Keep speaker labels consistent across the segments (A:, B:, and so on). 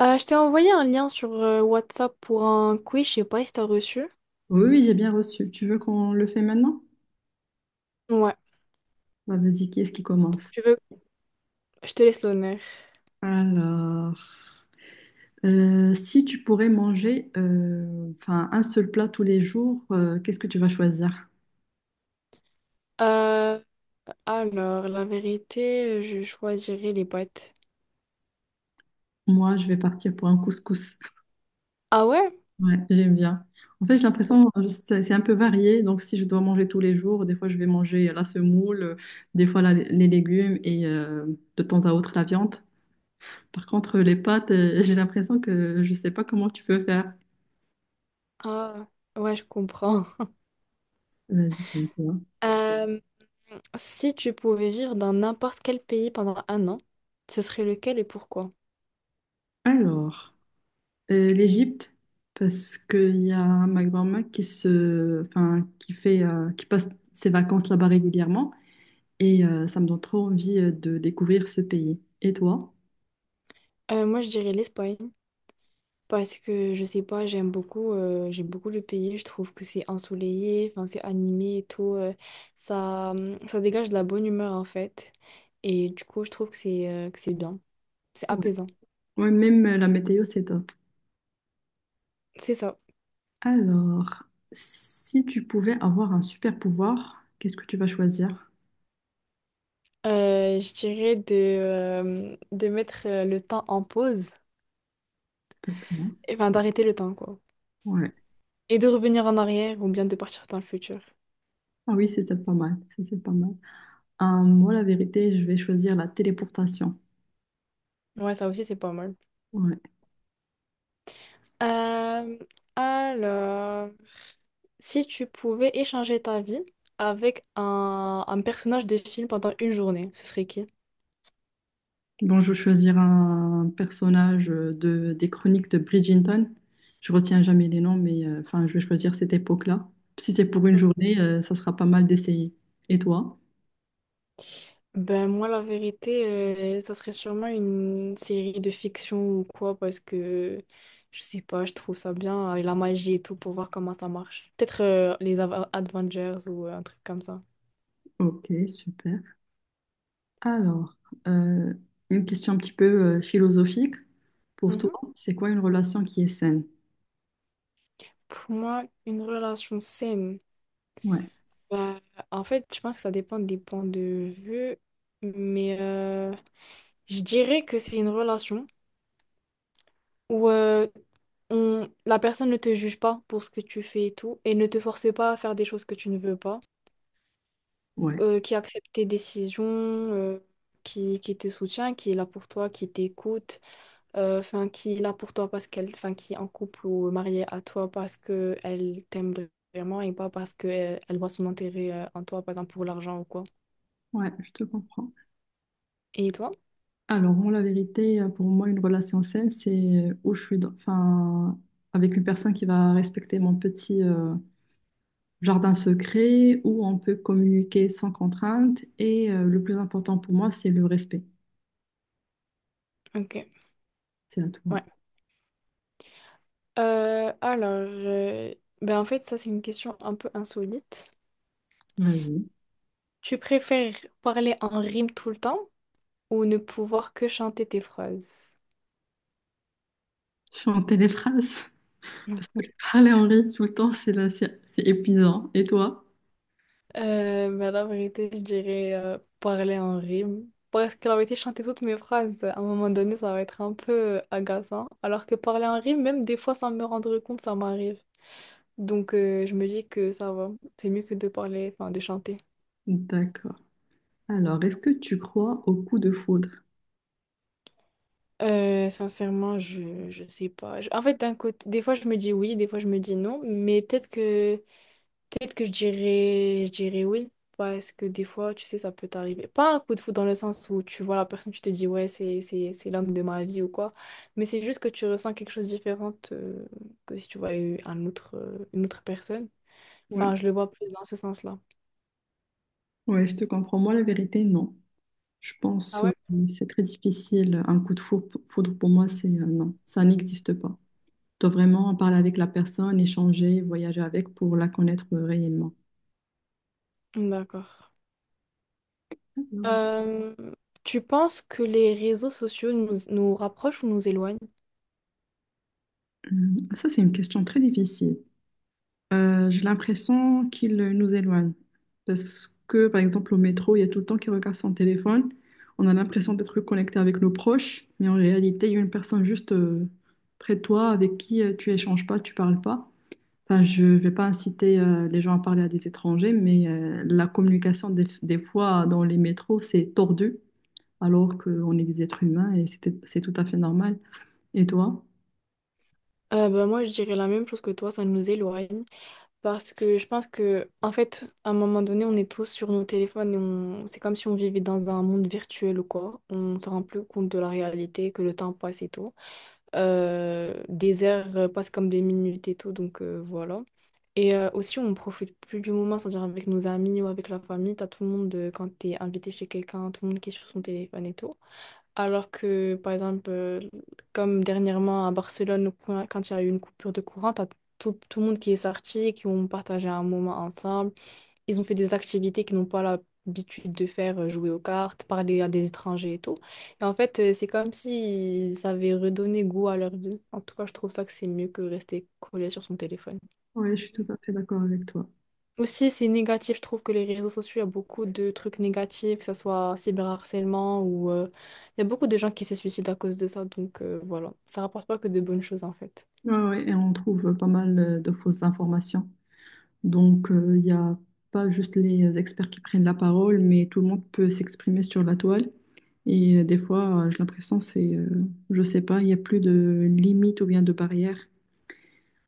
A: Je t'ai envoyé un lien sur WhatsApp pour un quiz, je sais pas si t'as reçu.
B: Oui, oui, j'ai bien reçu. Tu veux qu'on le fait maintenant?
A: Ouais,
B: Bah, vas-y, qui est-ce qui commence?
A: tu veux, je te laisse l'honneur.
B: Alors, si tu pourrais manger enfin, un seul plat tous les jours, qu'est-ce que tu vas choisir?
A: Euh, alors, la vérité, je choisirais les boîtes.
B: Moi, je vais partir pour un couscous.
A: Ah ouais?
B: Ouais, j'aime bien. En fait, j'ai l'impression c'est un peu varié. Donc, si je dois manger tous les jours, des fois, je vais manger la semoule, des fois, les légumes et de temps à autre, la viande. Par contre, les pâtes, j'ai l'impression que je ne sais pas comment tu peux faire.
A: Ah, ouais, je comprends.
B: Vas-y, c'est toi.
A: Euh, Si tu pouvais vivre dans n'importe quel pays pendant un an, ce serait lequel et pourquoi?
B: Alors. L'Égypte, parce qu'il y a ma grand-mère enfin, qui fait, qui passe ses vacances là-bas régulièrement et ça me donne trop envie de découvrir ce pays. Et toi?
A: Moi, je dirais l'Espagne. Parce que je sais pas, j'aime beaucoup le pays. Je trouve que c'est ensoleillé, enfin c'est animé et tout. Ça, ça dégage de la bonne humeur en fait. Et du coup, je trouve que c'est bien, c'est
B: Ouais.
A: apaisant.
B: Ouais, même la météo, c'est top.
A: C'est ça.
B: Alors, si tu pouvais avoir un super pouvoir, qu'est-ce que tu vas choisir?
A: Je dirais de mettre le temps en pause,
B: D'accord.
A: enfin d'arrêter le temps quoi.
B: Ouais.
A: Et de revenir en arrière ou bien de partir dans le futur.
B: Ah oui, c'était pas mal. C'était pas mal. Moi, la vérité, je vais choisir la téléportation.
A: Ouais, ça aussi c'est pas mal.
B: Ouais.
A: Euh, alors, si tu pouvais échanger ta vie avec un personnage de film pendant une journée, ce serait qui?
B: Bon, je vais choisir un personnage des chroniques de Bridgerton. Je retiens jamais les noms, mais enfin, je vais choisir cette époque-là. Si c'est pour une journée, ça sera pas mal d'essayer. Et toi?
A: Ben moi, la vérité, ça serait sûrement une série de fiction ou quoi, parce que je sais pas, je trouve ça bien, avec la magie et tout, pour voir comment ça marche. Peut-être les Avengers ou un truc comme ça.
B: Ok, super. Alors, euh, une question un petit peu philosophique. Pour toi,
A: Mhm.
B: c'est quoi une relation qui est saine?
A: Pour moi, une relation saine.
B: Ouais,
A: Bah, en fait, je pense que ça dépend des points de vue, mais je dirais que c'est une relation où la personne ne te juge pas pour ce que tu fais et tout, et ne te force pas à faire des choses que tu ne veux pas,
B: ouais,
A: qui accepte tes décisions, qui te soutient, qui est là pour toi, qui t'écoute, enfin, qui est là pour toi parce qu'elle, enfin, qui est en couple ou mariée à toi parce qu'elle t'aime vraiment et pas parce qu'elle elle voit son intérêt en toi, par exemple, pour l'argent ou quoi.
B: ouais, je te comprends.
A: Et toi?
B: Alors, moi, la vérité, pour moi, une relation saine, c'est où enfin, avec une personne qui va respecter mon petit, jardin secret où on peut communiquer sans contrainte. Et le plus important pour moi, c'est le respect.
A: Ok.
B: C'est à
A: Ouais.
B: toi.
A: Alors, ben en fait, ça c'est une question un peu insolite.
B: Vas-y.
A: Tu préfères parler en rime tout le temps ou ne pouvoir que chanter tes phrases?
B: Chanter les phrases. Parce que parler en rythme tout le temps, c'est là, c'est épuisant. Et toi?
A: Ben la vérité, je dirais parler en rime. Parce que la vérité, chanter toutes mes phrases, à un moment donné, ça va être un peu agaçant. Alors que parler en rime, même des fois sans me rendre compte, ça m'arrive. Donc, je me dis que ça va. C'est mieux que de parler, enfin, de chanter.
B: D'accord. Alors, est-ce que tu crois au coup de foudre?
A: Sincèrement, je sais pas. En fait, d'un côté, des fois je me dis oui, des fois je me dis non, mais peut-être que je dirais oui parce que des fois, tu sais, ça peut t'arriver. Pas un coup de foudre dans le sens où tu vois la personne, tu te dis ouais, c'est l'homme de ma vie ou quoi, mais c'est juste que tu ressens quelque chose de différent que si tu voyais un autre une autre personne.
B: Ouais.
A: Enfin, je le vois plus dans ce sens-là.
B: Ouais, je te comprends. Moi, la vérité, non. Je
A: Ah
B: pense
A: ouais?
B: c'est très difficile. Un foudre, pour moi, c'est non. Ça n'existe pas. Tu dois vraiment parler avec la personne, échanger, voyager avec pour la connaître réellement.
A: D'accord. Euh, Tu penses que les réseaux sociaux nous rapprochent ou nous éloignent?
B: Hmm, ça, c'est une question très difficile. J'ai l'impression qu'il nous éloigne. Parce que, par exemple, au métro, il y a tout le temps qui regarde son téléphone. On a l'impression d'être connecté avec nos proches, mais en réalité, il y a une personne juste près de toi avec qui tu échanges pas, tu parles pas. Enfin, je vais pas inciter les gens à parler à des étrangers, mais la communication des fois dans les métros, c'est tordu, alors qu'on est des êtres humains et c'est tout à fait normal. Et toi?
A: Bah, moi, je dirais la même chose que toi, ça nous éloigne. Parce que je pense que, en fait, à un moment donné, on est tous sur nos téléphones et c'est comme si on vivait dans un monde virtuel ou quoi. On ne se rend plus compte de la réalité, que le temps passe et tout. Des heures passent comme des minutes et tout, donc voilà. Et aussi, on ne profite plus du moment, c'est-à-dire avec nos amis ou avec la famille. T'as tout le monde, quand t'es invité chez quelqu'un, tout le monde qui est sur son téléphone et tout. Alors que, par exemple, comme dernièrement à Barcelone, quand il y a eu une coupure de courant, t'as tout le monde qui est sorti, qui ont partagé un moment ensemble. Ils ont fait des activités qu'ils n'ont pas l'habitude de faire, jouer aux cartes, parler à des étrangers et tout. Et en fait, c'est comme si ça avait redonné goût à leur vie. En tout cas, je trouve ça que c'est mieux que rester collé sur son téléphone.
B: Oui, je suis tout à fait d'accord avec toi.
A: Aussi, c'est négatif. Je trouve que les réseaux sociaux, il y a beaucoup de trucs négatifs, que ce soit cyberharcèlement ou il y a beaucoup de gens qui se suicident à cause de ça. Donc voilà, ça rapporte pas que de bonnes choses en fait.
B: Ouais, ouais, et on trouve pas mal de fausses informations. Donc, il n'y a pas juste les experts qui prennent la parole, mais tout le monde peut s'exprimer sur la toile. Et j'ai l'impression, je sais pas, il n'y a plus de limite ou bien de barrière.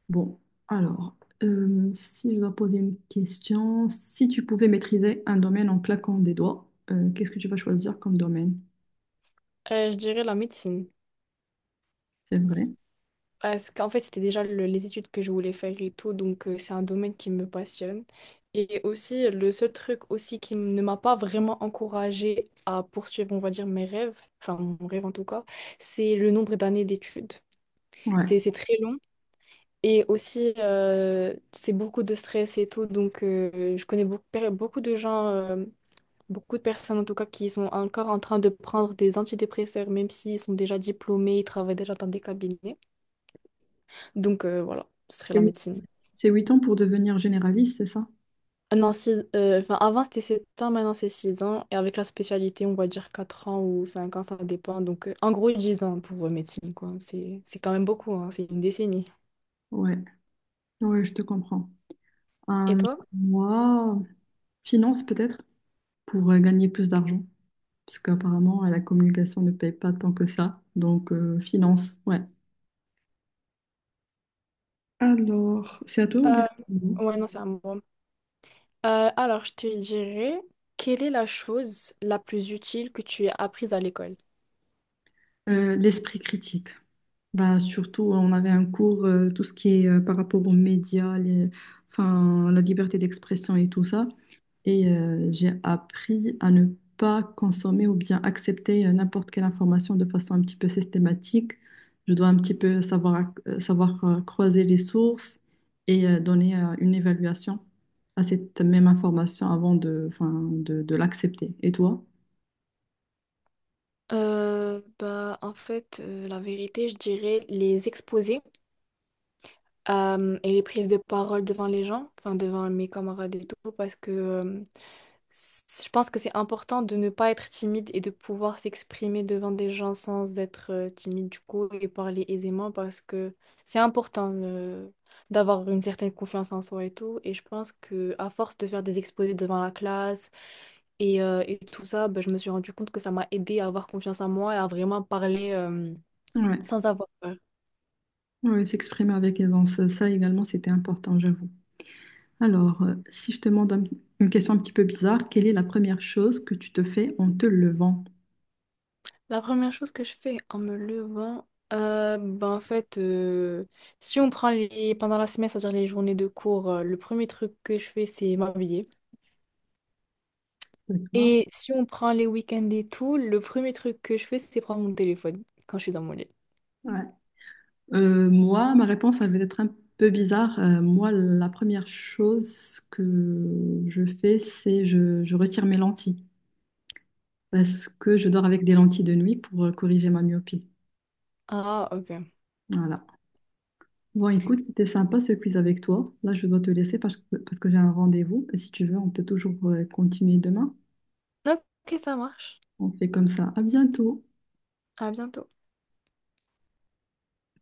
B: Bon, alors, si je dois poser une question, si tu pouvais maîtriser un domaine en claquant des doigts, qu'est-ce que tu vas choisir comme domaine?
A: Je dirais la médecine.
B: C'est vrai.
A: Parce qu'en fait, c'était déjà les études que je voulais faire et tout, donc c'est un domaine qui me passionne. Et aussi, le seul truc aussi qui ne m'a pas vraiment encouragée à poursuivre, on va dire, mes rêves, enfin mon rêve en tout cas, c'est le nombre d'années d'études. C'est
B: Ouais.
A: c'est très long et aussi, c'est beaucoup de stress et tout, donc je connais beaucoup de gens, beaucoup de personnes en tout cas, qui sont encore en train de prendre des antidépresseurs, même s'ils sont déjà diplômés, ils travaillent déjà dans des cabinets. Donc voilà, ce serait la
B: C'est
A: médecine.
B: c'est 8 ans pour devenir généraliste, c'est ça?
A: Non, enfin, avant c'était 7 ans, maintenant c'est 6 ans. Et avec la spécialité, on va dire 4 ans ou 5 ans, ça dépend. Donc en gros 10 ans pour médecine, quoi. C'est quand même beaucoup, hein. C'est une décennie.
B: Ouais. Ouais, je te comprends.
A: Et
B: Euh,
A: toi?
B: Moi, finance peut-être, pour gagner plus d'argent. Parce qu'apparemment, la communication ne paye pas tant que ça. Donc, finance, ouais. Alors, c'est à toi ou bien?
A: Euh, ouais, non, c'est à moi. Alors, je te dirais, quelle est la chose la plus utile que tu as apprise à l'école?
B: L'esprit critique. Bah, surtout, on avait un cours, tout ce qui est par rapport aux médias, enfin, la liberté d'expression et tout ça. Et j'ai appris à ne pas consommer ou bien accepter n'importe quelle information de façon un petit peu systématique. Je dois un petit peu savoir, savoir croiser les sources et donner une évaluation à cette même information avant enfin, de l'accepter. Et toi?
A: Bah, en fait, la vérité, je dirais les exposés et les prises de parole devant les gens, enfin devant mes camarades et tout, parce que je pense que c'est important de ne pas être timide et de pouvoir s'exprimer devant des gens sans être timide du coup et parler aisément parce que c'est important d'avoir une certaine confiance en soi et tout. Et je pense que à force de faire des exposés devant la classe et tout ça, ben, je me suis rendu compte que ça m'a aidé à avoir confiance en moi et à vraiment parler
B: Ouais,
A: sans avoir peur.
B: ouais, s'exprimer avec aisance, ça également c'était important, j'avoue. Alors, si je te demande une question un petit peu bizarre, quelle est la première chose que tu te fais en te levant?
A: La première chose que je fais en me levant, ben en fait, si on prend les pendant la semaine, c'est-à-dire les journées de cours, le premier truc que je fais, c'est m'habiller.
B: D'accord.
A: Et si on prend les week-ends et tout, le premier truc que je fais, c'est prendre mon téléphone quand je suis dans mon lit.
B: Ouais. Moi, ma réponse, elle va être un peu bizarre. Moi, la première chose que je fais, c'est je retire mes lentilles parce que je dors avec des lentilles de nuit pour corriger ma myopie.
A: Ah, ok.
B: Voilà. Bon, écoute, c'était sympa ce quiz avec toi. Là, je dois te laisser parce que j'ai un rendez-vous. Et si tu veux, on peut toujours continuer demain.
A: Ok, ça marche.
B: On fait comme ça. À bientôt.
A: À bientôt.